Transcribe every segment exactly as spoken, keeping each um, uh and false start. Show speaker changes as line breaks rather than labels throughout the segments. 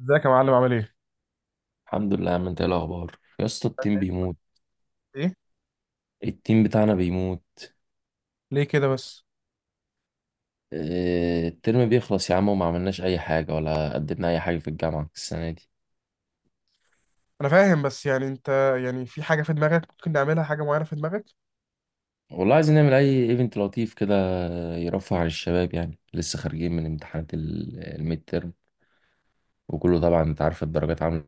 ازيك يا معلم؟ عامل ايه؟
الحمد لله يا عم، انت ايه الاخبار يا اسطى؟ التيم بيموت.
ايه؟
التيم بتاعنا بيموت.
ليه كده بس؟
اه، الترم بيخلص يا عم وما عملناش اي حاجه ولا قدمنا اي حاجه في الجامعه السنه دي.
انا فاهم، بس يعني انت، يعني في حاجة في دماغك؟ ممكن نعملها حاجة معينة في دماغك؟
والله عايزين نعمل اي ايفنت لطيف كده يرفه عن الشباب، يعني لسه خارجين من امتحانات ال- الميد ترم، وكله طبعا انت عارف الدرجات عامله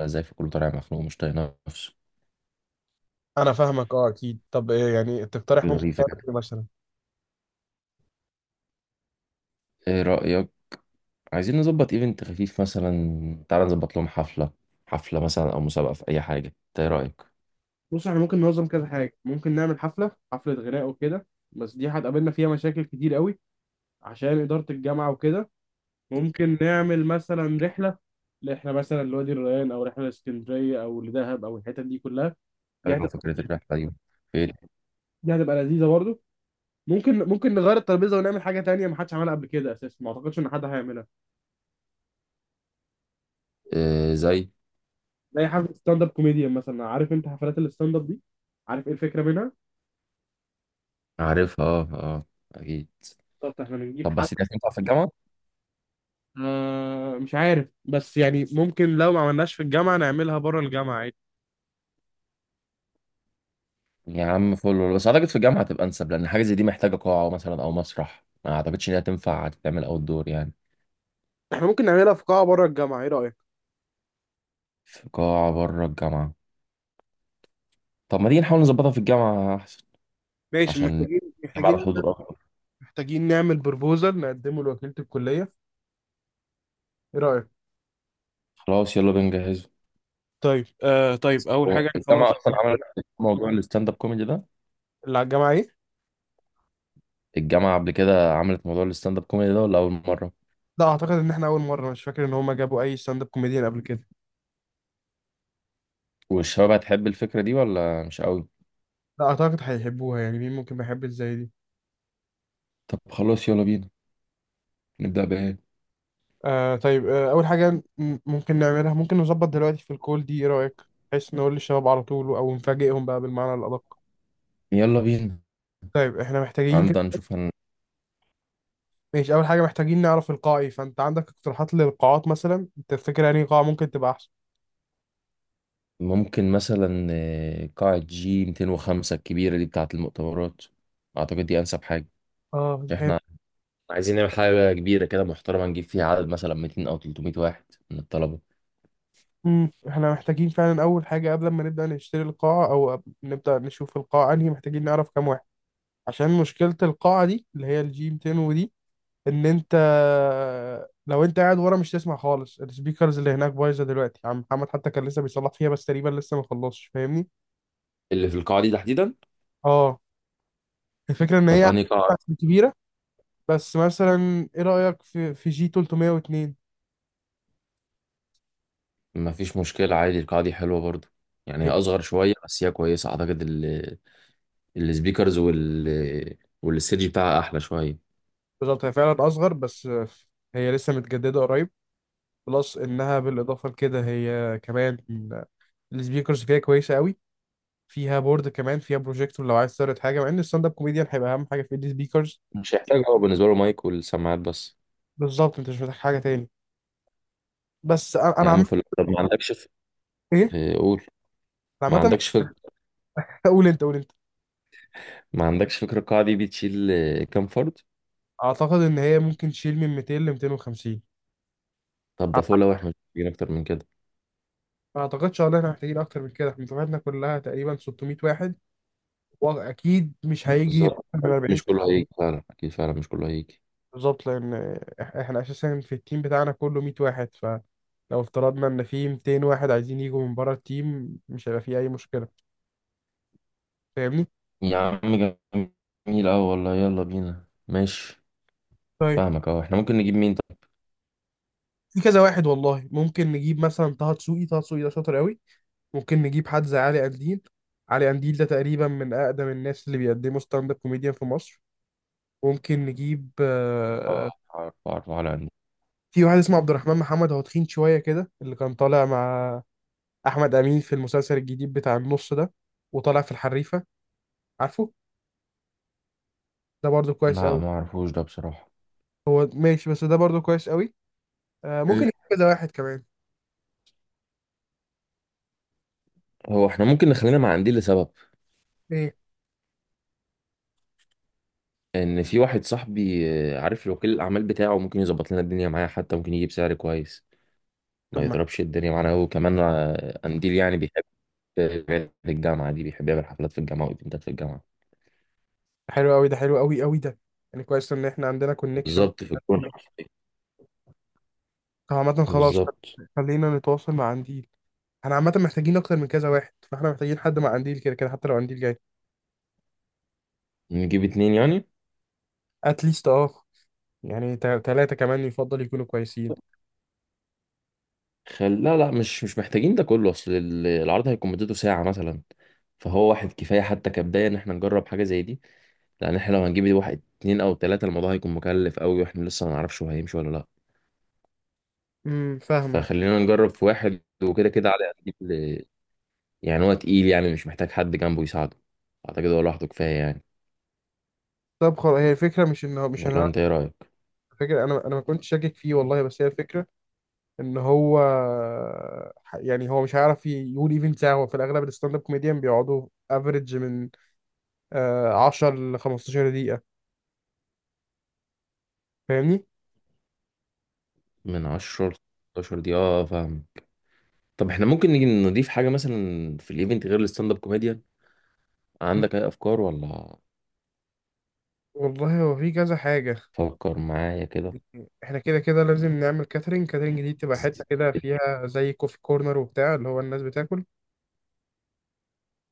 ازاي، فكله طالع مخنوق ومش طايق نفسه.
انا فاهمك، اه، اكيد. طب ايه يعني تقترح؟ ممكن
ظريفه
نعمل
كده،
ايه مثلا؟
ايه رايك؟ عايزين نظبط ايفنت خفيف، مثلا تعالى نظبط لهم حفله. حفله مثلا او مسابقه في اي حاجه، انت ايه رايك؟
بص، احنا ممكن ننظم كذا حاجة. ممكن نعمل حفلة حفلة غناء وكده، بس دي هتقابلنا فيها مشاكل كتير قوي عشان إدارة الجامعة وكده. ممكن نعمل مثلا رحلة، احنا مثلا لوادي الريان او رحلة لاسكندرية او لدهب او الحتت دي كلها. دي
انا
هتبقى
فكره الرحله دي ايه.
دي هتبقى لذيذة برضه. ممكن ممكن نغير الترابيزه ونعمل حاجه تانية ما حدش عملها قبل كده اساسا، ما اعتقدش ان حد هيعملها.
آه، زي.
زي حفله ستاند اب كوميديان مثلا. عارف انت حفلات الستاند اب دي؟ عارف ايه الفكره منها؟
عارفها، اه، اه، اكيد.
بالظبط، احنا بنجيب
طب
حد.
بس دي هتنفع في الجامعه؟
آه، مش عارف، بس يعني ممكن لو ما عملناش في الجامعه نعملها بره الجامعه عادي.
يا عم فل، بس اعتقد في الجامعه هتبقى انسب، لان حاجه زي دي محتاجه قاعه مثلا او مسرح، ما اعتقدش ان هي تنفع تتعمل اوت دور يعني.
احنا ممكن نعملها في قاعه بره الجامعه، ايه رايك؟
في قاعه بره الجامعه؟ طب ما تيجي نحاول نظبطها في الجامعه احسن،
ماشي،
عشان
محتاجين
نجمع على
محتاجين
الحضور اكتر.
محتاجين نعمل بروبوزال نقدمه لوكيله الكليه، ايه رايك؟
خلاص يلا بنجهز.
طيب آه، طيب اول حاجه،
هو
يعني
الجامعه
خلاص.
اصلا عملت موضوع الستاند اب كوميدي ده؟
اللي على الجامعه ايه؟
الجامعه قبل كده عملت موضوع الستاند اب كوميدي ده ولا اول مره؟
لا، اعتقد ان احنا اول مره، مش فاكر ان هم جابوا اي ستاند اب كوميديان قبل كده.
والشباب هتحب الفكره دي ولا مش قوي؟
لا، أعتقد هيحبوها، يعني مين ممكن ما يحبش زي دي؟
طب خلاص يلا بينا، نبدا بايه؟
آه طيب، آه أول حاجة، م- ممكن نعملها، ممكن نظبط دلوقتي في الكول دي، إيه رأيك؟ بحيث نقول للشباب على طول، أو نفاجئهم بقى بالمعنى الأدق.
يلا بينا.
طيب إحنا محتاجين كده.
عندنا نشوف هن...
ماشي، أول حاجة محتاجين نعرف القاع إيه. فأنت عندك اقتراحات للقاعات مثلا؟ أنت تفتكر يعني قاعة ممكن تبقى أحسن؟
ممكن مثلا آه، قاعة جي مئتين وخمسة الكبيرة دي بتاعة المؤتمرات، أعتقد دي أنسب حاجة.
آه، حلو.
إحنا عايزين نعمل حاجة كبيرة كده محترمة، نجيب فيها عدد مثلا ميتين أو تلتمية واحد من الطلبة،
مم، إحنا محتاجين فعلا أول حاجة قبل ما نبدأ نشتري القاعة، أو قبل- نبدأ نشوف القاعة أنهي، محتاجين نعرف كام واحد. عشان مشكلة القاعة دي اللي هي الجي مئتين ودي، ان انت، لو انت قاعد ورا مش تسمع خالص. السبيكرز اللي هناك بايظه دلوقتي، عم محمد حتى كان لسه بيصلح فيها بس تقريبا لسه ما خلصش، فاهمني؟
اللي في القاعة دي تحديدا.
اه. الفكره ان
طب
هي
أنهي قاعة؟
كبيره. بس مثلا ايه رايك في في جي تلاتمية واتنين؟
مفيش مشكلة عادي، القاعة دي حلوة برضه، يعني هي
هي
أصغر شوية بس هي كويسة. أعتقد ال... السبيكرز وال والستيج بتاعها أحلى شوية.
بالظبط، هي فعلا اصغر، بس هي لسه متجدده قريب. بلس انها بالاضافه لكده هي كمان السبيكرز فيها كويسه قوي، فيها بورد كمان، فيها بروجيكتور لو عايز تعرض حاجه، مع ان الستاند اب كوميديان هيبقى اهم حاجه في السبيكرز.
مش هيحتاج، هو بالنسبة له مايك والسماعات بس.
بالظبط، انت مش محتاج حاجه تاني. بس انا
يا عم
أنا
في ال- طب ما عندكش في-
ايه؟
آه، قول. ما
عامة
عندكش فكرة.
قول انت، قول انت.
ما عندكش فكرة القاعة دي بتشيل آه، كام فرد؟
اعتقد ان هي ممكن تشيل من مئتين ل مئتين وخمسين.
طب ده فول، لو احنا مش محتاجين أكتر من كده.
ما اعتقدش ان احنا محتاجين اكتر من كده، احنا دفعتنا كلها تقريبا ستمائة واحد، واكيد مش هيجي اكتر
بالظبط،
من اربعين.
مش كله هيجي فعلا، أكيد فعلا مش كله هيجي.
بالظبط، لان إح- احنا اساسا في التيم بتاعنا كله مية واحد، فلو افترضنا ان في مئتين واحد عايزين يجوا من بره التيم مش هيبقى في اي مشكلة، فاهمني؟
يا عم جميل أوي والله، يلا بينا، ماشي.
طيب
فاهمك أهو، احنا ممكن نجيب مين طب؟
في كذا واحد والله. ممكن نجيب مثلا طه دسوقي، طه دسوقي ده شاطر قوي. ممكن نجيب حد زي علي قنديل، علي قنديل ده تقريبا من أقدم الناس اللي بيقدموا ستاند اب كوميديان في مصر. ممكن نجيب،
آه،
آه،
أعرف أعرف على عندي.
في واحد اسمه عبد الرحمن محمد، هو تخين شوية كده، اللي كان طالع مع أحمد أمين في المسلسل الجديد بتاع النص ده وطالع في الحريفة، عارفه؟ ده برضو كويس
لا
قوي.
ما أعرفوش ده بصراحة.
هو ماشي، بس ده برضو كويس قوي. آه، ممكن
إيه؟
نجيب كذا واحد كمان.
هو احنا ممكن نخلينا مع عندي لسبب
ايه؟
إن في واحد صاحبي، آه، عارف له وكيل الأعمال بتاعه، ممكن يظبط لنا الدنيا معاه، حتى ممكن يجيب سعر كويس،
طب
ما
ما
يضربش الدنيا معانا هو كمان. آه، قنديل يعني بيحب في الجامعة دي، بيحب يعمل حفلات في الجامعة وإيفنتات في الجامعة.
حلو قوي ده، حلو قوي قوي ده. يعني كويس ان احنا عندنا كونكشن.
بالظبط في الكورة.
طب عامة خلاص،
بالظبط.
خلينا نتواصل مع عندي. احنا عامة محتاجين اكتر من كذا واحد، فاحنا محتاجين حد مع قنديل كده كده حتى لو قنديل جاي.
نجيب اتنين يعني.
اتليست اه، يعني ثلاثة كمان يفضل يكونوا كويسين.
خل... لا، لا، مش مش محتاجين ده كله، أصل ال- العرض هيكون مدته ساعة مثلا، فهو واحد كفاية، حتى كبداية إن إحنا نجرب حاجة زي دي. لأن إحنا لو هنجيب واحد اتنين أو تلاتة، الموضوع هيكون مكلف أوي، وإحنا لسه ما نعرفش هو هيمشي ولا لأ.
امم فاهمك.
فخلينا نجرب في واحد وكده كده، علي قد ال- يعني هو تقيل، يعني مش محتاج حد جنبه يساعده، أعتقد هو لوحده كفاية يعني.
طب خلاص، هي الفكرة مش ان هو، مش ان
ولا
انا،
أنت إيه رأيك؟
فكرة، انا انا ما كنتش شاكك فيه والله، بس هي الفكرة ان هو، يعني هو مش هيعرف يقول ايفنت ساعة. هو في الاغلب الستاند اب كوميديان بيقعدوا افريج من آه، عشرة ل خمستاشر دقيقة، فاهمني؟
من عشرة لستاشر دي، اه فاهم. طب احنا ممكن نيجي نضيف حاجة مثلا في الايفنت غير الستاند اب كوميديان؟ عندك اي افكار ولا؟
والله هو في كذا حاجة.
فكر معايا كده.
احنا كده كده لازم نعمل كاترينج. كاترينج دي تبقى حتة كده فيها زي كوفي كورنر وبتاع، اللي هو الناس بتاكل،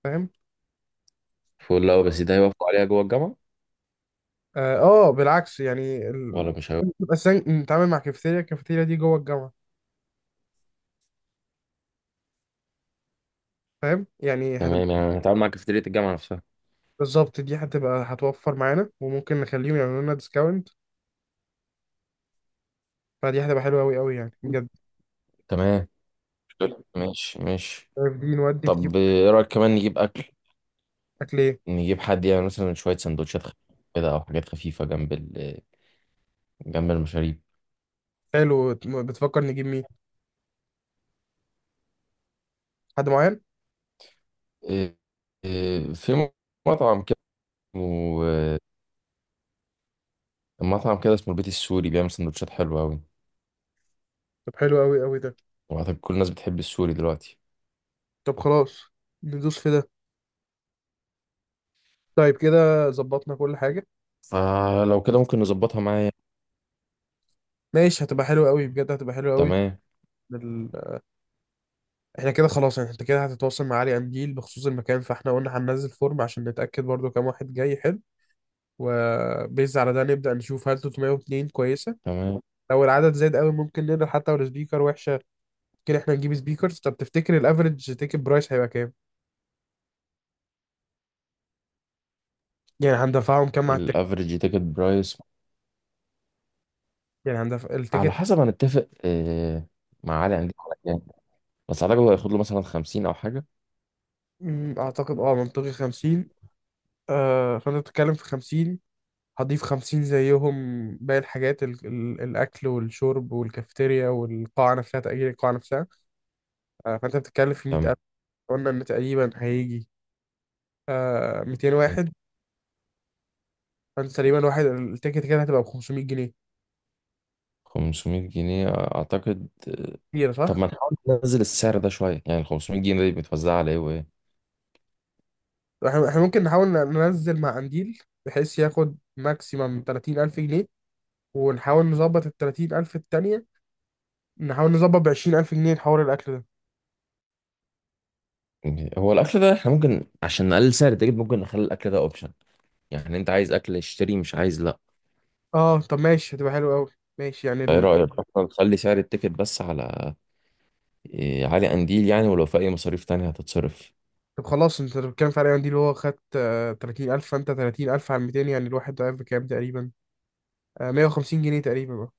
فاهم؟
فول، لا بس ده هيوافقوا عليها جوه الجامعة
اه. آه، بالعكس، يعني
ولا
ال...
مش هيوافقوا؟
تبقى سن... نتعامل مع كافيتيريا، الكافيتيريا دي جوه الجامعة، فاهم؟ يعني هتبقى،
تمام يعني هتعامل مع كافيتيريا الجامعة نفسها.
بالظبط، دي هتبقى هتوفر معانا وممكن نخليهم يعملوا لنا ديسكاونت، فدي هتبقى حلوة أوي أوي يعني بجد.
تمام، حلو. ماشي، ماشي.
عارف دي نودي في دي.
طب ايه رأيك كمان نجيب اكل؟
أكل إيه؟
نجيب حد يعني مثلا شوية سندوتشات خفيفة كده، او حاجات خفيفة جنب ال جنب المشاريب.
حلو. بتفكر نجيب مين؟ حد معين؟
إيه- إيه، في مطعم كده اسمه- مطعم كده اسمه البيت السوري، بيعمل سندوتشات حلوة أوي.
طب حلو أوي أوي ده.
وأعتقد كل الناس بتحب السوري دلوقتي.
طب خلاص، ندوس في ده. طيب كده ظبطنا كل حاجة.
فلو كده ممكن نظبطها معايا.
ماشي، هتبقى حلوة أوي بجد، هتبقى حلوة أوي.
تمام.
ال... احنا كده خلاص، يعني انت كده هتتواصل مع علي قنديل بخصوص المكان، فاحنا قلنا هننزل فورم عشان نتأكد برضو كام واحد جاي. حلو، وبيز على ده نبدأ نشوف هل تلاتمية واتنين كويسة.
تمام.
لو العدد زاد قوي ممكن نقدر، حتى لو سبيكر وحشة ممكن احنا نجيب سبيكرز. طب تفتكر الافرج تيكت برايس هيبقى كام؟ يعني هندفعهم كام على التيكت؟
الافريج تيكت برايس
يعني هندفع
على
التيكت.
حسب هنتفق، آه، مع علي، هنجيب على كام. بس على الاقل هياخد له مثلا خمسين او حاجه.
مم، اعتقد اه منطقي خمسين. آه، فانت بتتكلم في خمسين، هضيف خمسين زيهم باقي الحاجات، ال... ال... الاكل والشرب والكافيتيريا والقاعة نفسها، تأجير القاعة نفسها. آه، فانت بتتكلم في
تمام.
مية الف. قلنا ان تقريبا هيجي آه مئتين واحد، فانت تقريبا واحد التيكت كده هتبقى ب خمسمية جنيه.
خمسمية جنيه اعتقد. آه،
كتير
طب
صح؟
ما نحاول ننزل السعر ده شويه، يعني ال خمسمية جنيه دي بتوزع على ايه وايه؟
احنا إحنا ممكن نحاول ننزل مع قنديل بحيث ياخد ماكسيمم تلاتين الف جنيه، ونحاول نظبط ال تلاتين الف التانية، نحاول نظبط ب عشرين الف جنيه حوار الاكل ده.
هو الاكل ده احنا ممكن، عشان نقلل سعر التيكت، ممكن نخلي الاكل ده اوبشن، يعني انت عايز اكل اشتري، مش عايز لا.
اه طب ماشي، هتبقى حلو قوي. ماشي، يعني
ايه
ال...
رايك اصلا نخلي سعر التيكت بس على إيه، علي قنديل يعني، ولو في اي مصاريف تانية هتتصرف.
طب خلاص، انت بتتكلم في علي قنديل هو خد آه تلاتين الف، فانت تلاتين الف على مئتين، يعني الواحد ده بكام تقريبا؟ آه مية وخمسين جنيه تقريبا بقى.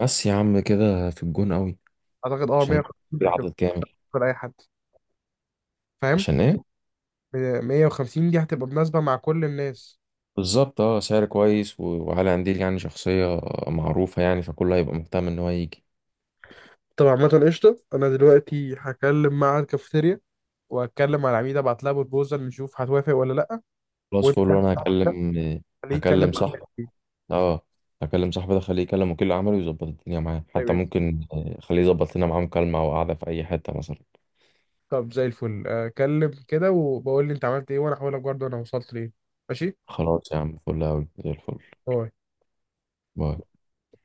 بس يا عم كده في الجون قوي.
اعتقد اه
عشان
مية وخمسين هتبقى
العدد كامل.
أكتر اي حد، فاهم؟
عشان ايه؟
مية وخمسين دي هتبقى مناسبة مع كل الناس.
بالظبط، اه سعر كويس، و- وعلي قنديل يعني شخصية معروفة يعني، فكله هيبقى مهتم ان هو يجي.
طب عامة قشطة، أنا دلوقتي هكلم مع الكافيتيريا، وهتكلم مع العميدة أبعت لها بروبوزال نشوف هتوافق ولا لأ.
خلاص
وأنت
فول، وانا هكلم.
خليه يتكلم
هكلم
مع
صاحبي،
التيم.
اه. هكلم صاحبي ده، خليه يكلم وكيل اعماله يظبط الدنيا معاه،
طيب
حتى
قشطة.
ممكن آه، خليه يظبط لنا معاه مكالمة او قعدة في اي حتة مثلا.
طب زي الفل، أكلم كده وبقول لي أنت عملت إيه وأنا هقول لك برضه أنا وصلت لإيه. ماشي؟
خلاص يا عم فل قوي، زي الفل.
باي.
باي.